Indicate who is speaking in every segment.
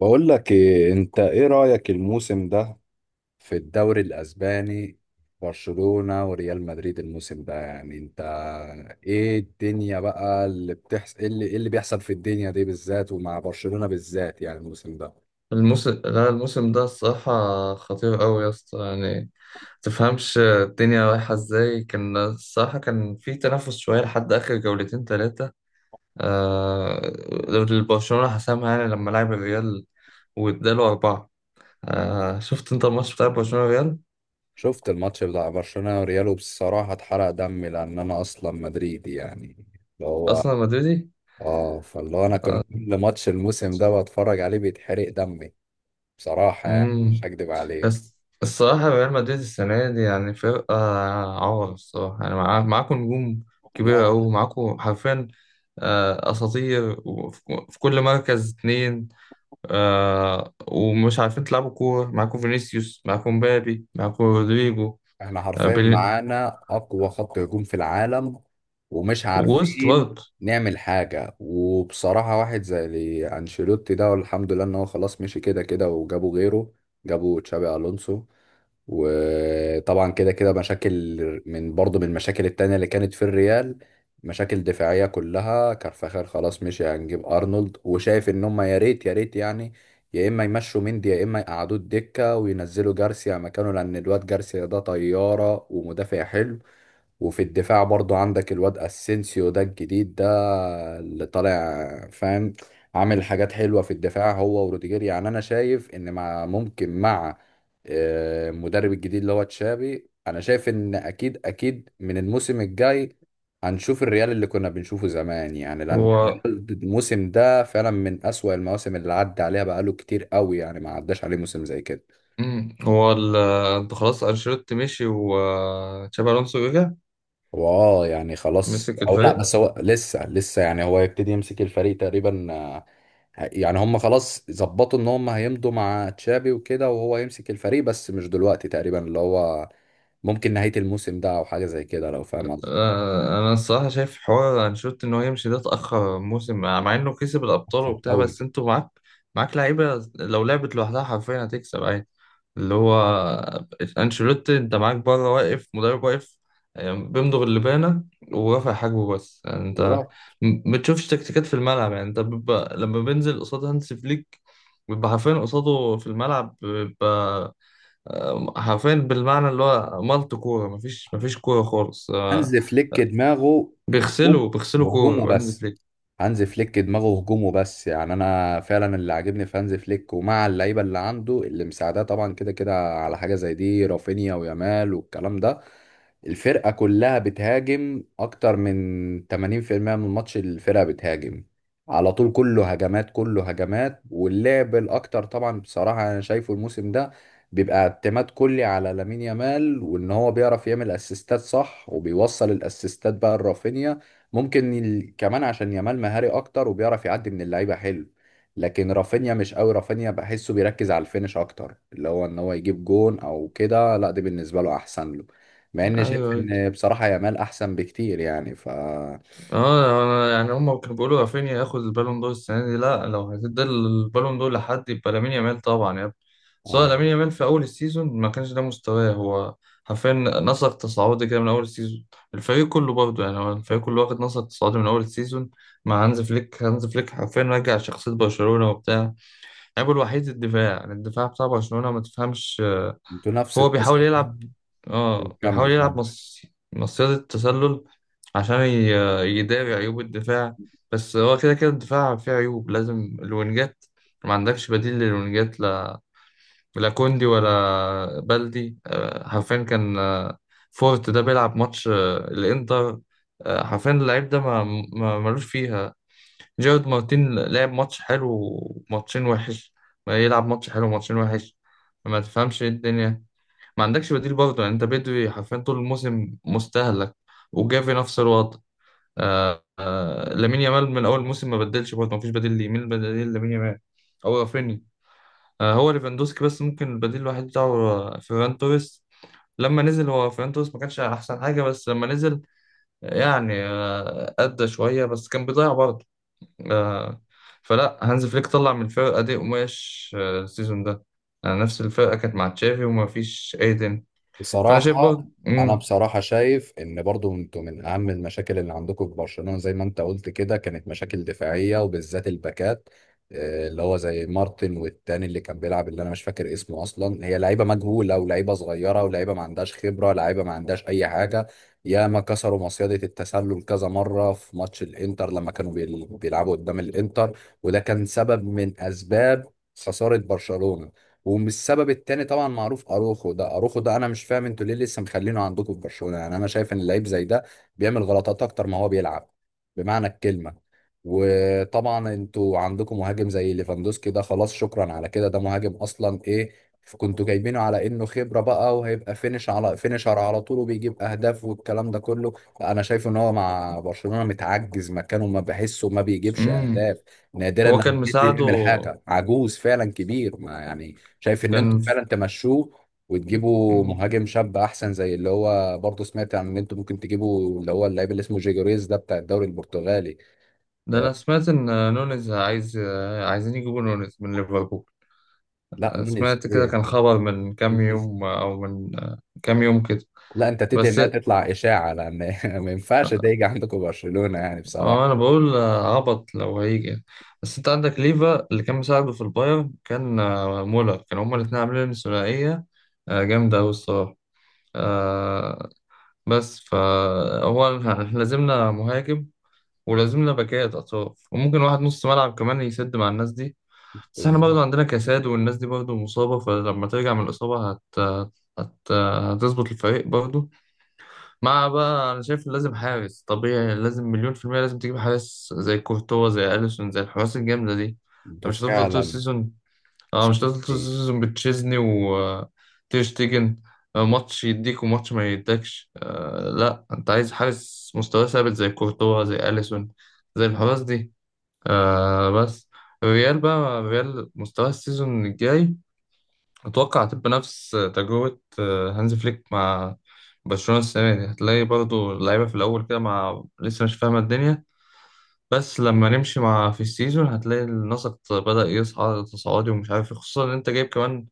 Speaker 1: بقول لك إيه، انت ايه رأيك الموسم ده في الدوري الاسباني؟ برشلونة وريال مدريد الموسم ده، يعني انت ايه الدنيا بقى اللي بتحصل، إيه اللي بيحصل في الدنيا دي بالذات ومع برشلونة بالذات يعني الموسم ده؟
Speaker 2: الموسم، لا الموسم ده الصراحة خطير أوي يا اسطى، يعني تفهمش الدنيا رايحة ازاي. كان الصراحة كان في تنافس شوية لحد آخر جولتين تلاتة. آه، برشلونة حسمها يعني لما لعب الريال واداله أربعة. آه، شفت أنت الماتش بتاع برشلونة ريال؟
Speaker 1: شفت الماتش بتاع برشلونة وريال. بصراحة اتحرق دمي، لان انا اصلا مدريدي يعني. اللي هو
Speaker 2: أصلا مدريدي؟
Speaker 1: اه فاللي هو انا كنت كل ماتش الموسم ده بتفرج عليه بيتحرق دمي بصراحة، يعني مش
Speaker 2: مم.
Speaker 1: هكدب عليك.
Speaker 2: بس الصراحة ريال مدريد السنة دي يعني فرقة عور الصراحة، يعني معاكم نجوم كبيرة
Speaker 1: لا،
Speaker 2: أوي، معاكم حرفيا أساطير في كل مركز اتنين، ومش عارفين تلعبوا كورة. معاكم فينيسيوس، معاكم مبابي، معاكم رودريجو،
Speaker 1: احنا
Speaker 2: آه،
Speaker 1: حرفيا
Speaker 2: بيل-
Speaker 1: معانا اقوى خط هجوم في العالم ومش
Speaker 2: ووسط
Speaker 1: عارفين
Speaker 2: برضه.
Speaker 1: نعمل حاجة. وبصراحة واحد زي انشيلوتي ده، والحمد لله ان هو خلاص مشي كده كده وجابوا غيره. جابوا تشابي الونسو. وطبعا كده كده مشاكل، من برضو من المشاكل التانية اللي كانت في الريال، مشاكل دفاعية كلها. كارفاخال خلاص مشي، هنجيب أرنولد. وشايف إن هما يا ريت يا ريت يعني، يا إما يمشوا مندي يا إما يقعدوه الدكة وينزلوا جارسيا مكانه، لأن الواد جارسيا ده طيارة ومدافع حلو. وفي الدفاع برضو عندك الواد اسينسيو ده الجديد ده، اللي طالع فاهم، عامل حاجات حلوة في الدفاع هو وروديجير. يعني انا شايف ان مع المدرب الجديد اللي هو تشابي، انا شايف ان اكيد اكيد من الموسم الجاي هنشوف الريال اللي كنا بنشوفه زمان. يعني لان
Speaker 2: هو
Speaker 1: الريال الموسم ده فعلا من اسوأ المواسم اللي عدى عليها، بقاله كتير قوي يعني ما عداش عليه موسم زي كده.
Speaker 2: مم، هو ال- آه، خلاص أنشيلوتي مشي وتشابي ألونسو رجع
Speaker 1: هو يعني خلاص
Speaker 2: مسك
Speaker 1: او لا،
Speaker 2: الفريق.
Speaker 1: بس هو لسه لسه يعني هو يبتدي يمسك الفريق تقريبا. يعني هم خلاص ظبطوا ان هم هيمضوا مع تشابي وكده وهو يمسك الفريق، بس مش دلوقتي تقريبا، اللي هو ممكن نهاية الموسم ده او حاجة زي كده لو فاهم قصدي.
Speaker 2: انا الصراحه شايف حوار انشيلوتي ان هو يمشي ده اتاخر موسم، مع انه كسب الابطال
Speaker 1: صعب
Speaker 2: وبتاع،
Speaker 1: قوي.
Speaker 2: بس انتوا معاك لعيبه لو لعبت لوحدها حرفيا هتكسب عادي. اللي هو انشيلوتي انت معاك بره، واقف مدرب واقف، بيمضغ اللبانه ورافع حاجبه بس. يعني انت
Speaker 1: بالظبط.
Speaker 2: ما بتشوفش تكتيكات في الملعب. يعني انت بيبقى لما بينزل قصاد هانس فليك بيبقى حرفيا قصاده في الملعب، بيبقى حرفيا بالمعنى اللي هو مالت كوره، مفيش كوره خالص. آه،
Speaker 1: هانز فليك دماغه هجوم،
Speaker 2: بيغسلوا
Speaker 1: هجوم
Speaker 2: كورة هانز
Speaker 1: وبس.
Speaker 2: فليك.
Speaker 1: هانز فليك دماغه هجوم وبس. يعني انا فعلا اللي عاجبني في هانز فليك ومع اللعيبه اللي عنده اللي مساعداه طبعا كده كده على حاجه زي دي، رافينيا ويامال والكلام ده، الفرقه كلها بتهاجم. اكتر من 80% من الماتش الفرقه بتهاجم، على طول كله هجمات كله هجمات. واللعب الاكتر طبعا بصراحه انا شايفه الموسم ده بيبقى اعتماد كلي على لامين يامال، وان هو بيعرف يعمل اسيستات صح وبيوصل الاسيستات بقى لرافينيا. ممكن كمان عشان يامال مهاري اكتر وبيعرف يعدي من اللعيبه حلو. لكن رافينيا مش قوي، رافينيا بحسه بيركز على الفينش اكتر، اللي هو ان هو يجيب جون او كده، لا دي بالنسبه له احسن له. مع اني شايف
Speaker 2: ايوه،
Speaker 1: ان بصراحه يامال احسن بكتير يعني، ف
Speaker 2: اه أنا يعني هم كانوا بيقولوا رافينيا ياخد البالون دور السنة دي. لا، لو هتدي البالون دور لحد يبقى لامين يامال طبعا يا ابني. سواء
Speaker 1: انا
Speaker 2: لامين يامال في اول السيزون ما كانش ده مستواه. هو حرفيا نسق تصاعدي كده من اول السيزون، الفريق كله برضه. يعني هو الفريق كله واخد نسق تصاعدي من اول السيزون مع هانز فليك. هانز فليك حرفيا رجع شخصية برشلونة وبتاع. عيبه الوحيد الدفاع، يعني الدفاع بتاع برشلونة ما تفهمش.
Speaker 1: انتوا نفس
Speaker 2: هو بيحاول
Speaker 1: القصه.
Speaker 2: يلعب،
Speaker 1: كمل
Speaker 2: اه بيحاول
Speaker 1: كمل.
Speaker 2: يلعب مص... مصيدة التسلل عشان ي... يداري عيوب الدفاع. بس هو كده كده الدفاع فيه عيوب. لازم الوينجات، ما عندكش بديل للوينجات. لا، لا كوندي ولا بلدي. آه، حرفيا كان آه، فورت ده بيلعب ماتش آه، الانتر، آه، حرفيا اللعيب ده ما... ما ملوش فيها. جيرارد مارتين لعب ماتش حلو وماتشين وحش، ما يلعب ماتش حلو وماتشين وحش. ما تفهمش ايه الدنيا. ما عندكش بديل برضه، يعني انت بدري حرفيا طول الموسم مستهلك. وجافي نفس الوضع. آه آه، لامين يامال من اول الموسم ما بدلش برضه، ما فيش بديل ليه. مين البديل لامين يامال؟ هو رافينيا، آه، هو ليفاندوسكي. بس ممكن البديل الوحيد بتاعه آه، فيران توريس. لما نزل هو فيران توريس ما كانش احسن حاجه، بس لما نزل يعني آه ادى شويه، بس كان بيضيع برضه. آه، فلا هانز فليك طلع من الفرقه دي قماش آه، السيزون ده. آه نفس الفرقه كانت مع تشافي وما فيش ايدن. فانا شايف برضه.
Speaker 1: بصراحة، أنا بصراحة شايف إن برضو أنتوا من أهم المشاكل اللي عندكم في برشلونة زي ما أنت قلت كده كانت مشاكل دفاعية وبالذات الباكات، اللي هو زي مارتن والتاني اللي كان بيلعب اللي أنا مش فاكر اسمه أصلا. هي لعيبة مجهولة ولعيبة صغيرة ولعيبة ما عندهاش خبرة، لعيبة ما عندهاش أي حاجة. ياما كسروا مصيدة التسلل كذا مرة في ماتش الإنتر لما كانوا بيلعبوا قدام الإنتر، وده كان سبب من أسباب خسارة برشلونة. ومش السبب التاني طبعا معروف، اروخو ده انا مش فاهم انتوا ليه لسه مخلينه عندكم في برشلونه. يعني انا شايف ان اللعيب زي ده بيعمل غلطات اكتر ما هو بيلعب بمعنى الكلمه. وطبعا انتوا عندكم مهاجم زي ليفاندوسكي ده، خلاص شكرا على كده. ده مهاجم اصلا ايه، كنتوا جايبينه على انه خبره بقى وهيبقى فينش على فينشر على طول وبيجيب اهداف والكلام ده كله. لا، انا شايف ان هو مع برشلونه متعجز مكانه، ما بحسه ما بيجيبش
Speaker 2: امم
Speaker 1: اهداف. نادرا
Speaker 2: هو
Speaker 1: لما
Speaker 2: كان
Speaker 1: بينزل
Speaker 2: مساعده
Speaker 1: يعمل حاجه. عجوز فعلا كبير، ما يعني شايف ان انتوا
Speaker 2: كان.
Speaker 1: فعلا تمشوه وتجيبوا
Speaker 2: مم.
Speaker 1: مهاجم شاب احسن، زي اللي هو برضه سمعت عن ان انتوا ممكن تجيبوا اللي هو اللاعب اللي اسمه جيجوريز ده بتاع الدوري البرتغالي.
Speaker 2: ده
Speaker 1: آه،
Speaker 2: انا سمعت ان نونيز عايزين يجيبوا نونيز من ليفربول.
Speaker 1: لا نونيز
Speaker 2: سمعت
Speaker 1: ايه
Speaker 2: كده،
Speaker 1: يا
Speaker 2: كان
Speaker 1: عم؟
Speaker 2: خبر من كام
Speaker 1: نونيز.
Speaker 2: يوم او من كام يوم كده.
Speaker 1: لا انت تدعي
Speaker 2: بس
Speaker 1: انها تطلع اشاعه، لان ما ينفعش ده يجي عندكم برشلونه يعني
Speaker 2: آه،
Speaker 1: بصراحه.
Speaker 2: انا بقول آه، عبط لو هيجي. بس انت عندك ليفا اللي كان مساعده في البايرن. كان آه، مولر، كانوا هما الاتنين عاملين ثنائية آه، جامدة أوي الصراحة آه، بس فهو احنا لازمنا مهاجم، ولازم لنا باكات اطراف، وممكن واحد نص ملعب كمان يسد مع الناس دي. بس احنا
Speaker 1: بالظبط.
Speaker 2: برضه عندنا كساد، والناس دي برضه مصابة، فلما ترجع من الإصابة هتظبط الفريق برضه. مع بقى أنا شايف لازم حارس طبيعي، لازم مليون في المية لازم تجيب حارس زي كورتوا، زي أليسون، زي الحراس الجامدة دي. أنت
Speaker 1: انتوا
Speaker 2: مش هتفضل طول
Speaker 1: فعلا.
Speaker 2: السيزون، اه مش
Speaker 1: تشيلسي.
Speaker 2: هتفضل طول السيزون بتشيزني وتير شتيجن آه، ماتش يديك وماتش ما يديكش. آه لا، أنت عايز حارس مستواه ثابت زي كورتوا زي أليسون زي الحراس دي. آه بس، ريال بقى، ريال مستوى السيزون الجاي أتوقع هتبقى نفس تجربة آه، هانز فليك مع برشلونة السنة دي. هتلاقي برضو اللعيبة في الأول كده مع لسه مش فاهمة الدنيا، بس لما نمشي مع في السيزون هتلاقي النسق بدأ يصعد تصاعدي ومش عارف إيه، خصوصا إن أنت جايب كمان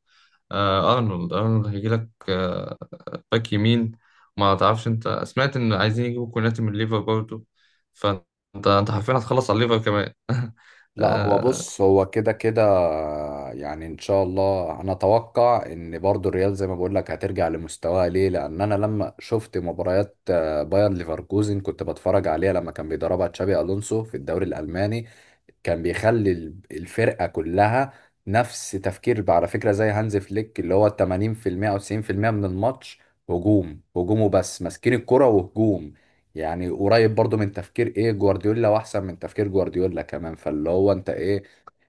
Speaker 2: آه أرنولد هيجيلك آه، باك يمين. ما تعرفش أنت سمعت إن عايزين يجيبوا كوناتي من ليفر برضو؟ فأنت أنت حرفيا هتخلص على الليفر كمان.
Speaker 1: لا هو بص، هو كده كده. يعني ان شاء الله انا اتوقع ان برضو الريال زي ما بقول لك هترجع لمستواها. ليه؟ لان انا لما شفت مباريات باير ليفركوزن، كنت بتفرج عليها لما كان بيدربها تشابي الونسو في الدوري الالماني. كان بيخلي الفرقه كلها نفس تفكير بقى، على فكره زي هانز فليك، اللي هو 80% او 90% من الماتش هجوم، هجوم وبس، ماسكين الكرة وهجوم. يعني قريب برضو من تفكير ايه جوارديولا، واحسن من تفكير جوارديولا كمان. فاللي هو انت ايه،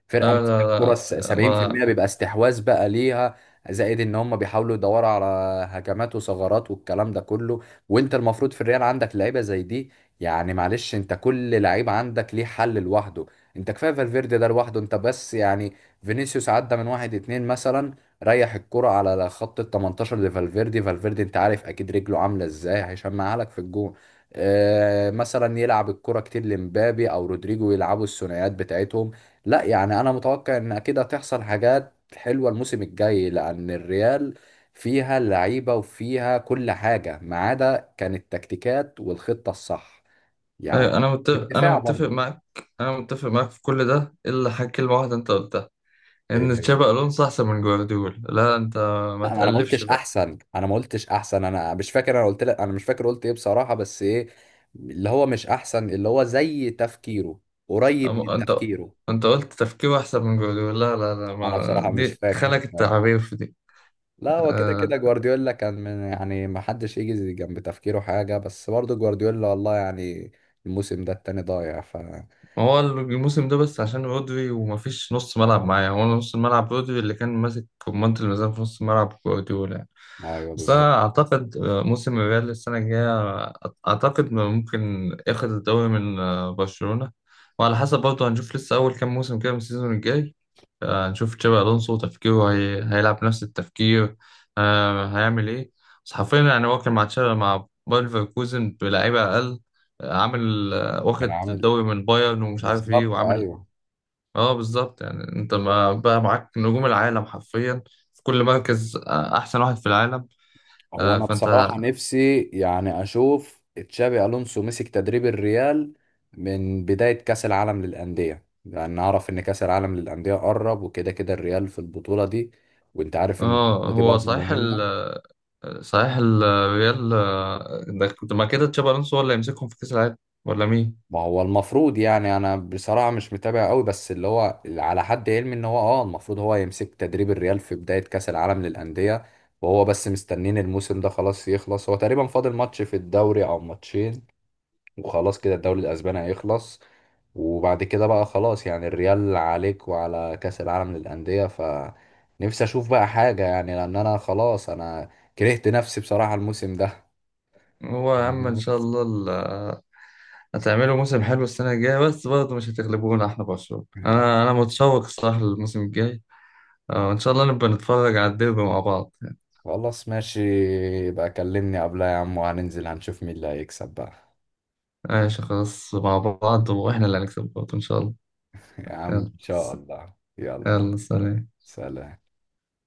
Speaker 1: فرقه
Speaker 2: لا
Speaker 1: ماسكه
Speaker 2: لا
Speaker 1: فرص
Speaker 2: لا ما
Speaker 1: 70% بيبقى استحواذ بقى ليها، زائد ان هم بيحاولوا يدوروا على هجمات وثغرات والكلام ده كله. وانت المفروض في الريال عندك لعيبه زي دي، يعني معلش انت كل لعيب عندك ليه حل لوحده. انت كفايه فالفيردي ده لوحده انت بس، يعني فينيسيوس عدى من واحد اتنين مثلا، ريح الكرة على خط ال 18 لفالفيردي، فالفيردي انت عارف اكيد رجله عامله ازاي هيشمعها لك في الجون. آه مثلا يلعب الكرة كتير لمبابي او رودريجو يلعبوا الثنائيات بتاعتهم. لا يعني انا متوقع ان اكيد هتحصل حاجات حلوه الموسم الجاي، لان الريال فيها اللعيبه وفيها كل حاجه، ما عدا كانت التكتيكات والخطه الصح يعني،
Speaker 2: أيوة، انا متفق،
Speaker 1: بالدفاع برضه.
Speaker 2: انا متفق معاك في كل ده الا حاجه، كلمه واحده انت قلتها
Speaker 1: إيه
Speaker 2: ان
Speaker 1: هي؟
Speaker 2: تشابي الونسو احسن من جوارديولا. لا انت ما
Speaker 1: انا ما
Speaker 2: تقلفش
Speaker 1: قلتش
Speaker 2: بقى.
Speaker 1: احسن، انا مش فاكر. انا قلت لك انا مش فاكر قلت ايه بصراحه، بس ايه، اللي هو مش احسن، اللي هو زي تفكيره، قريب
Speaker 2: أم-
Speaker 1: من
Speaker 2: انت
Speaker 1: تفكيره.
Speaker 2: انت قلت تفكيره احسن من جوارديولا. لا لا لا،
Speaker 1: انا
Speaker 2: ما
Speaker 1: بصراحه مش
Speaker 2: دي
Speaker 1: فاكر
Speaker 2: خلك التعابير في دي.
Speaker 1: لا هو كده
Speaker 2: آه،
Speaker 1: كده جوارديولا كان من، يعني ما حدش يجي جنب تفكيره حاجة، بس برضه جوارديولا والله يعني الموسم ده التاني ضايع ف.
Speaker 2: ما هو الموسم ده بس عشان رودري، ومفيش نص ملعب معايا. هو نص الملعب رودري اللي كان ماسك كمانة الميزان في نص الملعب جوارديولا يعني.
Speaker 1: ايوه
Speaker 2: بس
Speaker 1: بالظبط.
Speaker 2: أنا أعتقد آه، موسم الريال السنة الجاية آه، أعتقد إنه ممكن ياخد الدوري من آه، برشلونة. وعلى حسب برضه، هنشوف لسه أول كام موسم كده من السيزون الجاي. آه، هنشوف تشابي ألونسو تفكيره هي... هيلعب نفس التفكير، آه، هيعمل إيه. بس حرفيا يعني هو كان مع تشابي مع باير ليفركوزن بلعيبة أقل آه، عامل،
Speaker 1: كان
Speaker 2: واخد
Speaker 1: عامل.
Speaker 2: الدوري من بايرن ومش عارف ايه
Speaker 1: بالظبط
Speaker 2: وعامل.
Speaker 1: ايوه.
Speaker 2: اه بالظبط. يعني انت ما بقى معاك نجوم العالم حرفيا في كل مركز آه، احسن واحد في العالم
Speaker 1: هو
Speaker 2: آه،
Speaker 1: انا
Speaker 2: فانت.
Speaker 1: بصراحة نفسي يعني اشوف تشابي الونسو مسك تدريب الريال من بداية كأس العالم للأندية، لأن أعرف إن كأس العالم للأندية قرب وكده كده الريال في البطولة دي، وأنت عارف إن
Speaker 2: اه
Speaker 1: البطولة دي
Speaker 2: هو
Speaker 1: برضه
Speaker 2: صحيح
Speaker 1: مهمة.
Speaker 2: صحيح الريال آه، ده كنت ما كده تشابي الونسو هو اللي يمسكهم في كاس العالم ولا مين.
Speaker 1: ما هو المفروض، يعني انا بصراحة مش متابع قوي، بس اللي هو اللي على حد علمي ان هو المفروض هو يمسك تدريب الريال في بداية كأس العالم للأندية. وهو بس مستنين الموسم ده خلاص يخلص، هو تقريبا فاضل ماتش في الدوري او ماتشين وخلاص كده الدوري الاسباني هيخلص. وبعد كده بقى خلاص، يعني الريال عليك وعلى كأس العالم للأندية، فنفسي اشوف بقى حاجة يعني، لان انا خلاص انا كرهت نفسي بصراحة الموسم ده.
Speaker 2: هو يا عم ان شاء الله هتعملوا موسم حلو السنه الجايه، بس برضه مش هتغلبونا احنا برشلونه. انا متشوق الصراحه للموسم الجاي آه، ان شاء الله نبقى نتفرج على الديربي مع بعض.
Speaker 1: خلاص ماشي. يبقى كلمني قبلها يا عم وهننزل هنشوف مين اللي هيكسب بقى.
Speaker 2: ماشي، خلاص مع بعض، واحنا اللي هنكسب برضه ان شاء الله.
Speaker 1: يا عم
Speaker 2: يلا،
Speaker 1: ان شاء الله، يلا.
Speaker 2: يلا سلام
Speaker 1: سلام.